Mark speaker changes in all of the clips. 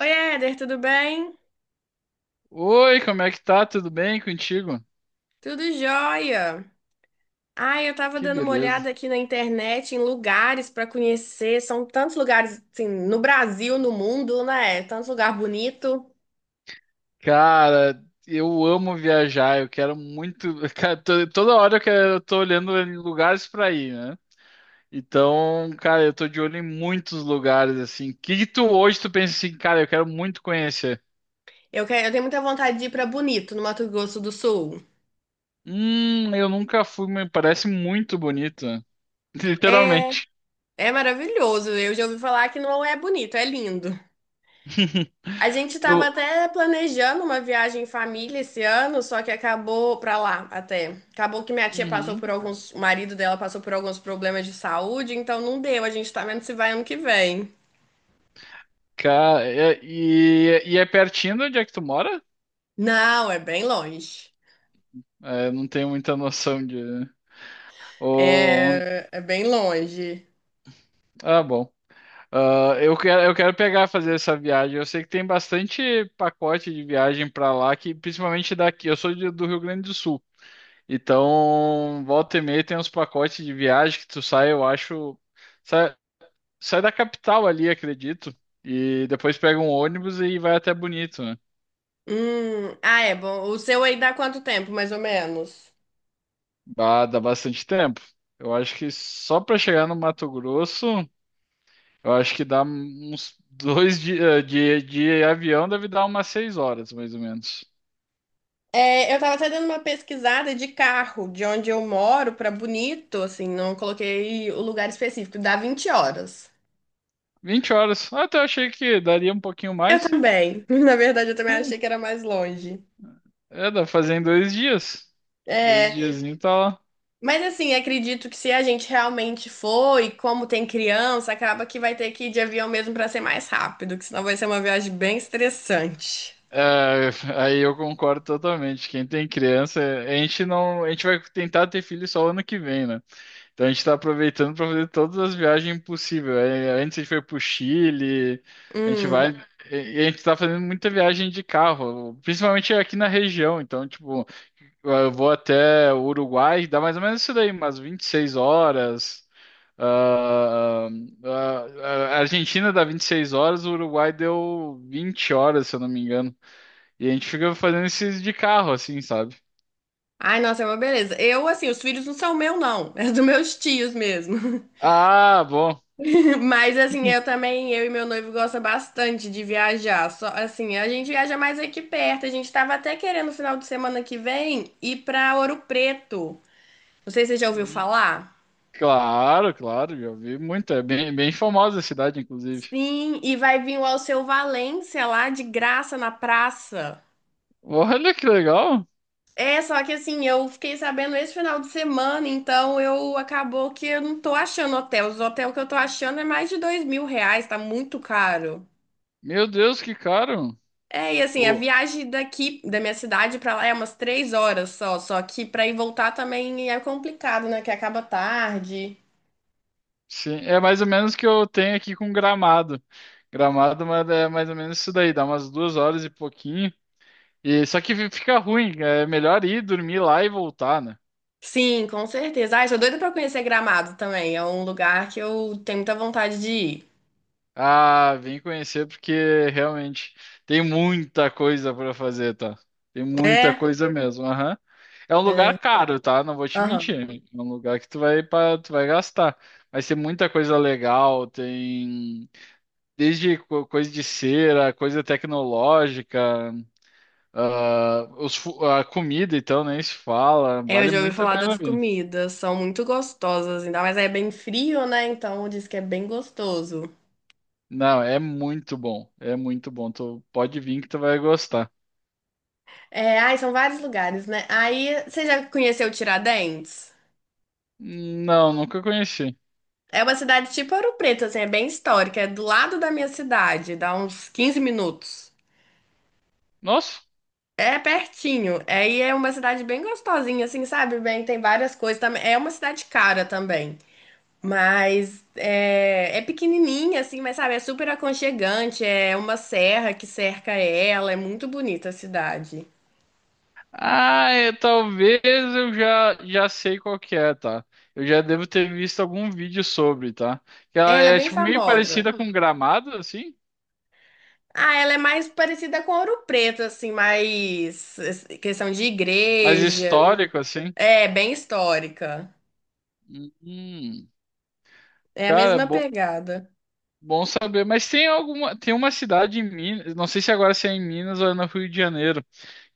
Speaker 1: Oi, Éder, tudo bem?
Speaker 2: Oi, como é que tá? Tudo bem contigo?
Speaker 1: Tudo jóia. Ai, eu tava
Speaker 2: Que
Speaker 1: dando uma
Speaker 2: beleza.
Speaker 1: olhada aqui na internet em lugares pra conhecer. São tantos lugares, assim, no Brasil, no mundo, né? Tantos lugar bonito.
Speaker 2: Cara, eu amo viajar, eu quero muito. Cara, toda hora eu quero, eu tô olhando em lugares pra ir, né? Então, cara, eu tô de olho em muitos lugares, assim. O que que tu hoje tu pensa assim, cara, eu quero muito conhecer?
Speaker 1: Eu quero, eu tenho muita vontade de ir pra Bonito, no Mato Grosso do Sul.
Speaker 2: Eu nunca fui, mas parece muito bonito, né?
Speaker 1: É,
Speaker 2: Literalmente.
Speaker 1: é maravilhoso. Eu já ouvi falar que não é bonito, é lindo. A gente
Speaker 2: Tu...
Speaker 1: estava até planejando uma viagem em família esse ano, só que acabou para lá até. Acabou que minha tia passou
Speaker 2: Uhum.
Speaker 1: por alguns, o marido dela passou por alguns problemas de saúde, então não deu. A gente tá vendo se vai ano que vem.
Speaker 2: Cara, e é pertinho de onde é que tu mora?
Speaker 1: Não, é bem longe.
Speaker 2: É, eu não tenho muita noção de. Ou...
Speaker 1: É, é bem longe.
Speaker 2: Ah, bom. Ah, eu quero pegar fazer essa viagem. Eu sei que tem bastante pacote de viagem pra lá, que principalmente daqui. Eu sou do Rio Grande do Sul. Então, volta e meia tem uns pacotes de viagem que tu sai, eu acho. Sai, sai da capital ali, acredito. E depois pega um ônibus e vai até Bonito, né?
Speaker 1: Ah, é bom. O seu aí dá quanto tempo, mais ou menos?
Speaker 2: Bah, dá bastante tempo. Eu acho que só pra chegar no Mato Grosso. Eu acho que dá uns dois dias de avião, deve dar umas seis horas, mais ou menos.
Speaker 1: É, eu tava até dando uma pesquisada de carro, de onde eu moro para Bonito, assim, não coloquei o lugar específico, dá 20 horas.
Speaker 2: Vinte horas. Ah, até eu achei que daria um pouquinho
Speaker 1: Eu
Speaker 2: mais.
Speaker 1: também. Na verdade, eu também
Speaker 2: Ah,
Speaker 1: achei que era mais longe.
Speaker 2: É, dá pra fazer em dois dias. Dois
Speaker 1: É,
Speaker 2: diazinho tá lá.
Speaker 1: mas assim, acredito que se a gente realmente for e como tem criança, acaba que vai ter que ir de avião mesmo pra ser mais rápido, que senão vai ser uma viagem bem estressante.
Speaker 2: É, aí eu concordo totalmente. Quem tem criança, a gente não, a gente vai tentar ter filho só ano que vem, né? Então a gente está aproveitando para fazer todas as viagens possíveis. É, antes a gente foi para o Chile, a gente vai.
Speaker 1: Hum.
Speaker 2: E a gente está fazendo muita viagem de carro, principalmente aqui na região. Então, tipo, eu vou até o Uruguai, dá mais ou menos isso daí, umas 26 horas. Ah, ah, a Argentina dá 26 horas, o Uruguai deu 20 horas, se eu não me engano. E a gente fica fazendo esses de carro, assim, sabe?
Speaker 1: Ai, nossa, é uma beleza. Eu, assim, os filhos não são meu, não. É dos meus tios mesmo.
Speaker 2: Ah, bom.
Speaker 1: Mas, assim, eu também, eu e meu noivo gosta bastante de viajar. Só, assim, a gente viaja mais aqui perto. A gente tava até querendo, no final de semana que vem, ir pra Ouro Preto. Não sei se você já ouviu falar.
Speaker 2: Claro, claro, já vi muito. É bem, bem famosa a cidade, inclusive.
Speaker 1: Sim, e vai vir o Alceu Valença lá de graça na praça.
Speaker 2: Olha que legal!
Speaker 1: É, só que assim, eu fiquei sabendo esse final de semana, então eu acabou que eu não tô achando hotel. Os hotéis que eu tô achando é mais de R$ 2.000, tá muito caro.
Speaker 2: Meu Deus, que caro!
Speaker 1: É, e assim, a
Speaker 2: Pô,
Speaker 1: viagem daqui, da minha cidade pra lá é umas 3 horas só, só que pra ir voltar também é complicado, né? Que acaba tarde.
Speaker 2: sim, é mais ou menos o que eu tenho aqui com Gramado. Gramado, mas é mais ou menos isso daí, dá umas duas horas e pouquinho. E só que fica ruim, é melhor ir dormir lá e voltar, né?
Speaker 1: Sim, com certeza. Ai, sou doida pra conhecer Gramado também. É um lugar que eu tenho muita vontade de ir.
Speaker 2: Ah, vem conhecer porque realmente tem muita coisa para fazer, tá? Tem muita
Speaker 1: É,
Speaker 2: coisa mesmo, aham. É um
Speaker 1: é.
Speaker 2: lugar caro, tá? Não vou te
Speaker 1: Aham.
Speaker 2: mentir. É um lugar que tu vai para, tu vai gastar. Mas tem muita coisa legal, tem desde coisa de cera, coisa tecnológica, ah, a comida então nem se fala,
Speaker 1: É, eu
Speaker 2: vale
Speaker 1: já ouvi
Speaker 2: muito a
Speaker 1: falar
Speaker 2: pena
Speaker 1: das
Speaker 2: vir.
Speaker 1: comidas, são muito gostosas, ainda mais aí é bem frio, né? Então diz que é bem gostoso.
Speaker 2: Não, é muito bom, é muito bom. Tu pode vir que tu vai gostar.
Speaker 1: É, ai, são vários lugares, né? Aí, você já conheceu Tiradentes?
Speaker 2: Não, nunca conheci.
Speaker 1: É uma cidade tipo Ouro Preto, assim, é bem histórica, é do lado da minha cidade, dá uns 15 minutos.
Speaker 2: Nossa.
Speaker 1: É pertinho, aí é uma cidade bem gostosinha, assim, sabe? Bem, tem várias coisas também. É uma cidade cara também. Mas é, é pequenininha, assim, mas sabe, é super aconchegante. É uma serra que cerca ela. É muito bonita a cidade.
Speaker 2: Ah, é, talvez eu já sei qual que é, tá? Eu já devo ter visto algum vídeo sobre, tá? Que ela
Speaker 1: Ela é
Speaker 2: é
Speaker 1: bem
Speaker 2: tipo meio
Speaker 1: famosa.
Speaker 2: parecida com Gramado, assim,
Speaker 1: Ah, ela é mais parecida com Ouro Preto, assim, mais questão de
Speaker 2: mas
Speaker 1: igreja.
Speaker 2: histórico, assim.
Speaker 1: É, bem histórica.
Speaker 2: Hum,
Speaker 1: É a
Speaker 2: Cara,
Speaker 1: mesma
Speaker 2: bom,
Speaker 1: pegada.
Speaker 2: bom saber. Mas tem uma cidade em Minas, não sei se agora se é em Minas ou é no Rio de Janeiro,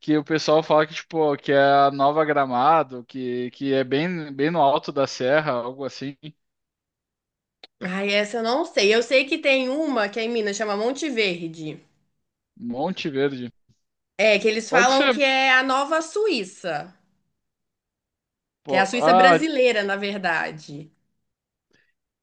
Speaker 2: que o pessoal fala que tipo que é a Nova Gramado, que é bem bem no alto da serra, algo assim.
Speaker 1: Ai, essa eu não sei. Eu sei que tem uma que é em Minas, chama Monte Verde.
Speaker 2: Monte Verde.
Speaker 1: É, que eles
Speaker 2: Pode
Speaker 1: falam que
Speaker 2: ser.
Speaker 1: é a nova Suíça. Que é a
Speaker 2: Pô,
Speaker 1: Suíça
Speaker 2: ah,
Speaker 1: brasileira, na verdade.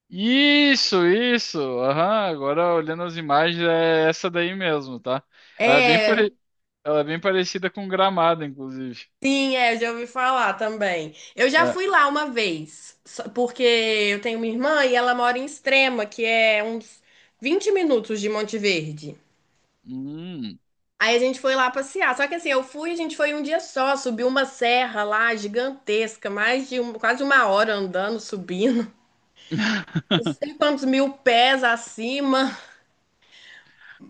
Speaker 2: Isso, isso. Aham, agora olhando as imagens é essa daí mesmo, tá? Ela é bem,
Speaker 1: É.
Speaker 2: pare- Ela é bem parecida com Gramado, inclusive.
Speaker 1: Sim, é, eu já ouvi falar também. Eu já
Speaker 2: É.
Speaker 1: fui lá uma vez, porque eu tenho uma irmã e ela mora em Extrema, que é uns 20 minutos de Monte Verde.
Speaker 2: Hum.
Speaker 1: Aí a gente foi lá passear. Só que assim, eu fui, a gente foi um dia só, subiu uma serra lá gigantesca, quase uma hora andando, subindo, não sei quantos mil pés acima.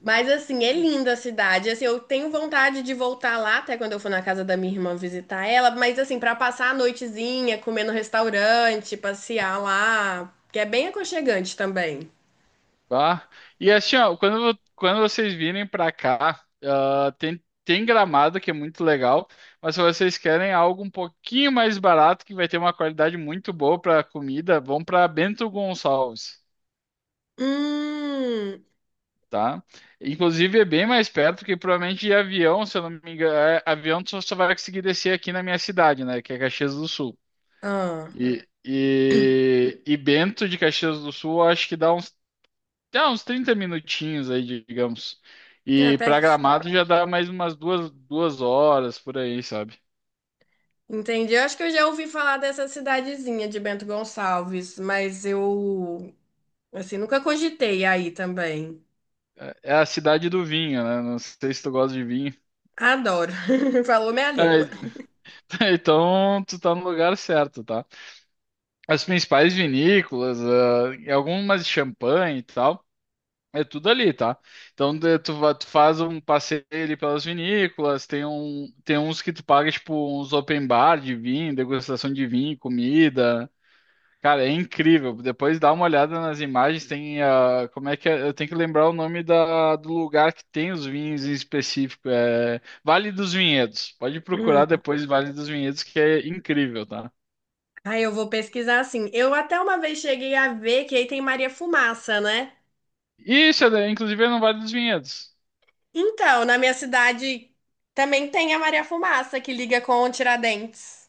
Speaker 1: Mas assim, é linda a cidade. Assim, eu tenho vontade de voltar lá até quando eu for na casa da minha irmã visitar ela, mas assim, pra passar a noitezinha, comer no restaurante, passear lá, que é bem aconchegante também.
Speaker 2: Tá? E assim, ó, quando vocês virem pra cá, ah, tem Gramado, que é muito legal, mas se vocês querem algo um pouquinho mais barato, que vai ter uma qualidade muito boa pra comida, vão pra Bento Gonçalves.
Speaker 1: Hum.
Speaker 2: Tá? Inclusive é bem mais perto que provavelmente de avião, se eu não me engano, é, avião tu só vai conseguir descer aqui na minha cidade, né? Que é Caxias do Sul.
Speaker 1: Ah,
Speaker 2: E Bento de Caxias do Sul eu acho que dá uns 30 minutinhos aí, digamos.
Speaker 1: é
Speaker 2: E para
Speaker 1: pertinho.
Speaker 2: Gramado já dá mais umas duas horas por aí, sabe?
Speaker 1: Entendi. Eu acho que eu já ouvi falar dessa cidadezinha de Bento Gonçalves, mas eu assim, nunca cogitei aí também.
Speaker 2: É a cidade do vinho, né? Não sei se tu gosta de vinho.
Speaker 1: Adoro. Falou minha
Speaker 2: É,
Speaker 1: língua.
Speaker 2: então tu tá no lugar certo, tá? As principais vinícolas, ah, e algumas de champanhe e tal. É tudo ali, tá? Então tu faz um passeio ali pelas vinícolas, tem uns que tu paga, tipo, uns open bar de vinho, degustação de vinho, comida. Cara, é incrível. Depois dá uma olhada nas imagens, tem a. Como é que é? Eu tenho que lembrar o nome da, do lugar que tem os vinhos em específico. É Vale dos Vinhedos. Pode procurar
Speaker 1: Hum.
Speaker 2: depois Vale dos Vinhedos, que é incrível, tá?
Speaker 1: Aí eu vou pesquisar assim. Eu até uma vez cheguei a ver que aí tem Maria Fumaça, né?
Speaker 2: Isso, é, inclusive é no Vale dos Vinhedos.
Speaker 1: Então, na minha cidade também tem a Maria Fumaça que liga com o Tiradentes.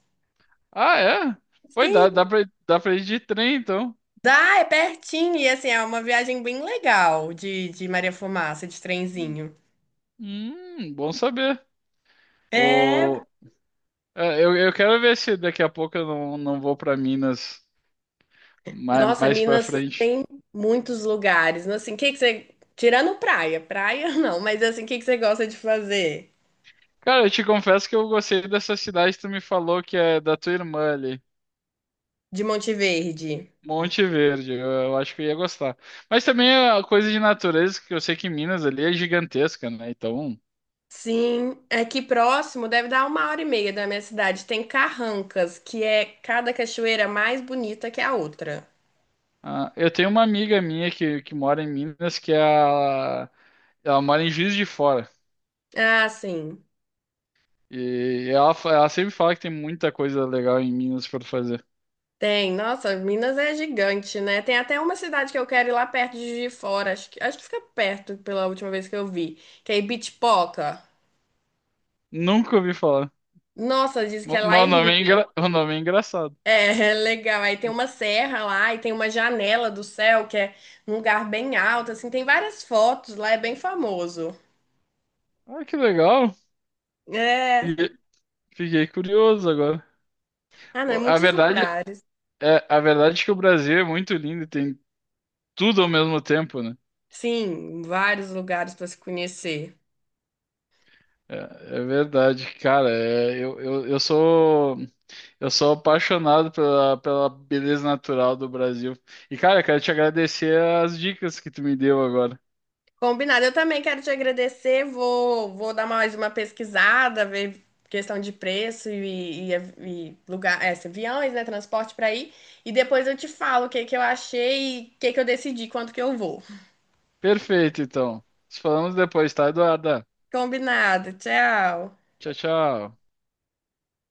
Speaker 2: Ah, é? Pois dá,
Speaker 1: Sim,
Speaker 2: dá pra ir de trem, então.
Speaker 1: dá, é pertinho. E assim, é uma viagem bem legal de Maria Fumaça, de trenzinho.
Speaker 2: Bom saber.
Speaker 1: É,
Speaker 2: O, é, eu quero ver se daqui a pouco eu não vou pra Minas mais,
Speaker 1: nossa,
Speaker 2: mais para
Speaker 1: Minas
Speaker 2: frente.
Speaker 1: tem muitos lugares, né? Assim, o que que você. Tirando praia, praia não, mas assim, o que que você gosta de fazer
Speaker 2: Cara, eu te confesso que eu gostei dessa cidade que tu me falou que é da tua irmã ali,
Speaker 1: de Monte Verde?
Speaker 2: Monte Verde. Eu acho que eu ia gostar. Mas também a coisa de natureza, que eu sei que Minas ali é gigantesca, né? Então,
Speaker 1: Sim, aqui próximo deve dar uma hora e meia da minha cidade. Tem Carrancas, que é cada cachoeira mais bonita que a outra.
Speaker 2: ah, eu tenho uma amiga minha que mora em Minas, que é a, ela mora em Juiz de Fora.
Speaker 1: Ah, sim.
Speaker 2: E ela sempre fala que tem muita coisa legal em Minas para fazer.
Speaker 1: Tem. Nossa, Minas é gigante, né? Tem até uma cidade que eu quero ir lá perto de Juiz de Fora. Acho que fica perto pela última vez que eu vi. Que é Ibitipoca.
Speaker 2: Nunca ouvi falar.
Speaker 1: Nossa, diz que é lá
Speaker 2: Mas
Speaker 1: é
Speaker 2: o nome
Speaker 1: lindo.
Speaker 2: o nome é engraçado.
Speaker 1: É, é legal. Aí tem uma serra lá e tem uma janela do céu, que é num lugar bem alto, assim. Tem várias fotos lá, é bem famoso.
Speaker 2: Ah, que legal.
Speaker 1: É.
Speaker 2: Fiquei, fiquei curioso agora.
Speaker 1: Ah, não, é
Speaker 2: A
Speaker 1: muitos
Speaker 2: verdade
Speaker 1: lugares.
Speaker 2: é, a verdade é que o Brasil é muito lindo e tem tudo ao mesmo tempo, né?
Speaker 1: Sim, vários lugares para se conhecer.
Speaker 2: É, é, verdade, cara. Eu sou apaixonado pela beleza natural do Brasil. E, cara, quero te agradecer as dicas que tu me deu agora.
Speaker 1: Combinado. Eu também quero te agradecer. Vou dar mais uma pesquisada, ver questão de preço e lugar, é, aviões, né, transporte para ir. E depois eu te falo o que que eu achei e o que que eu decidi, quanto que eu vou.
Speaker 2: Perfeito, então. Nos falamos depois, tá, Eduarda?
Speaker 1: Combinado. Tchau.
Speaker 2: Tchau, tchau.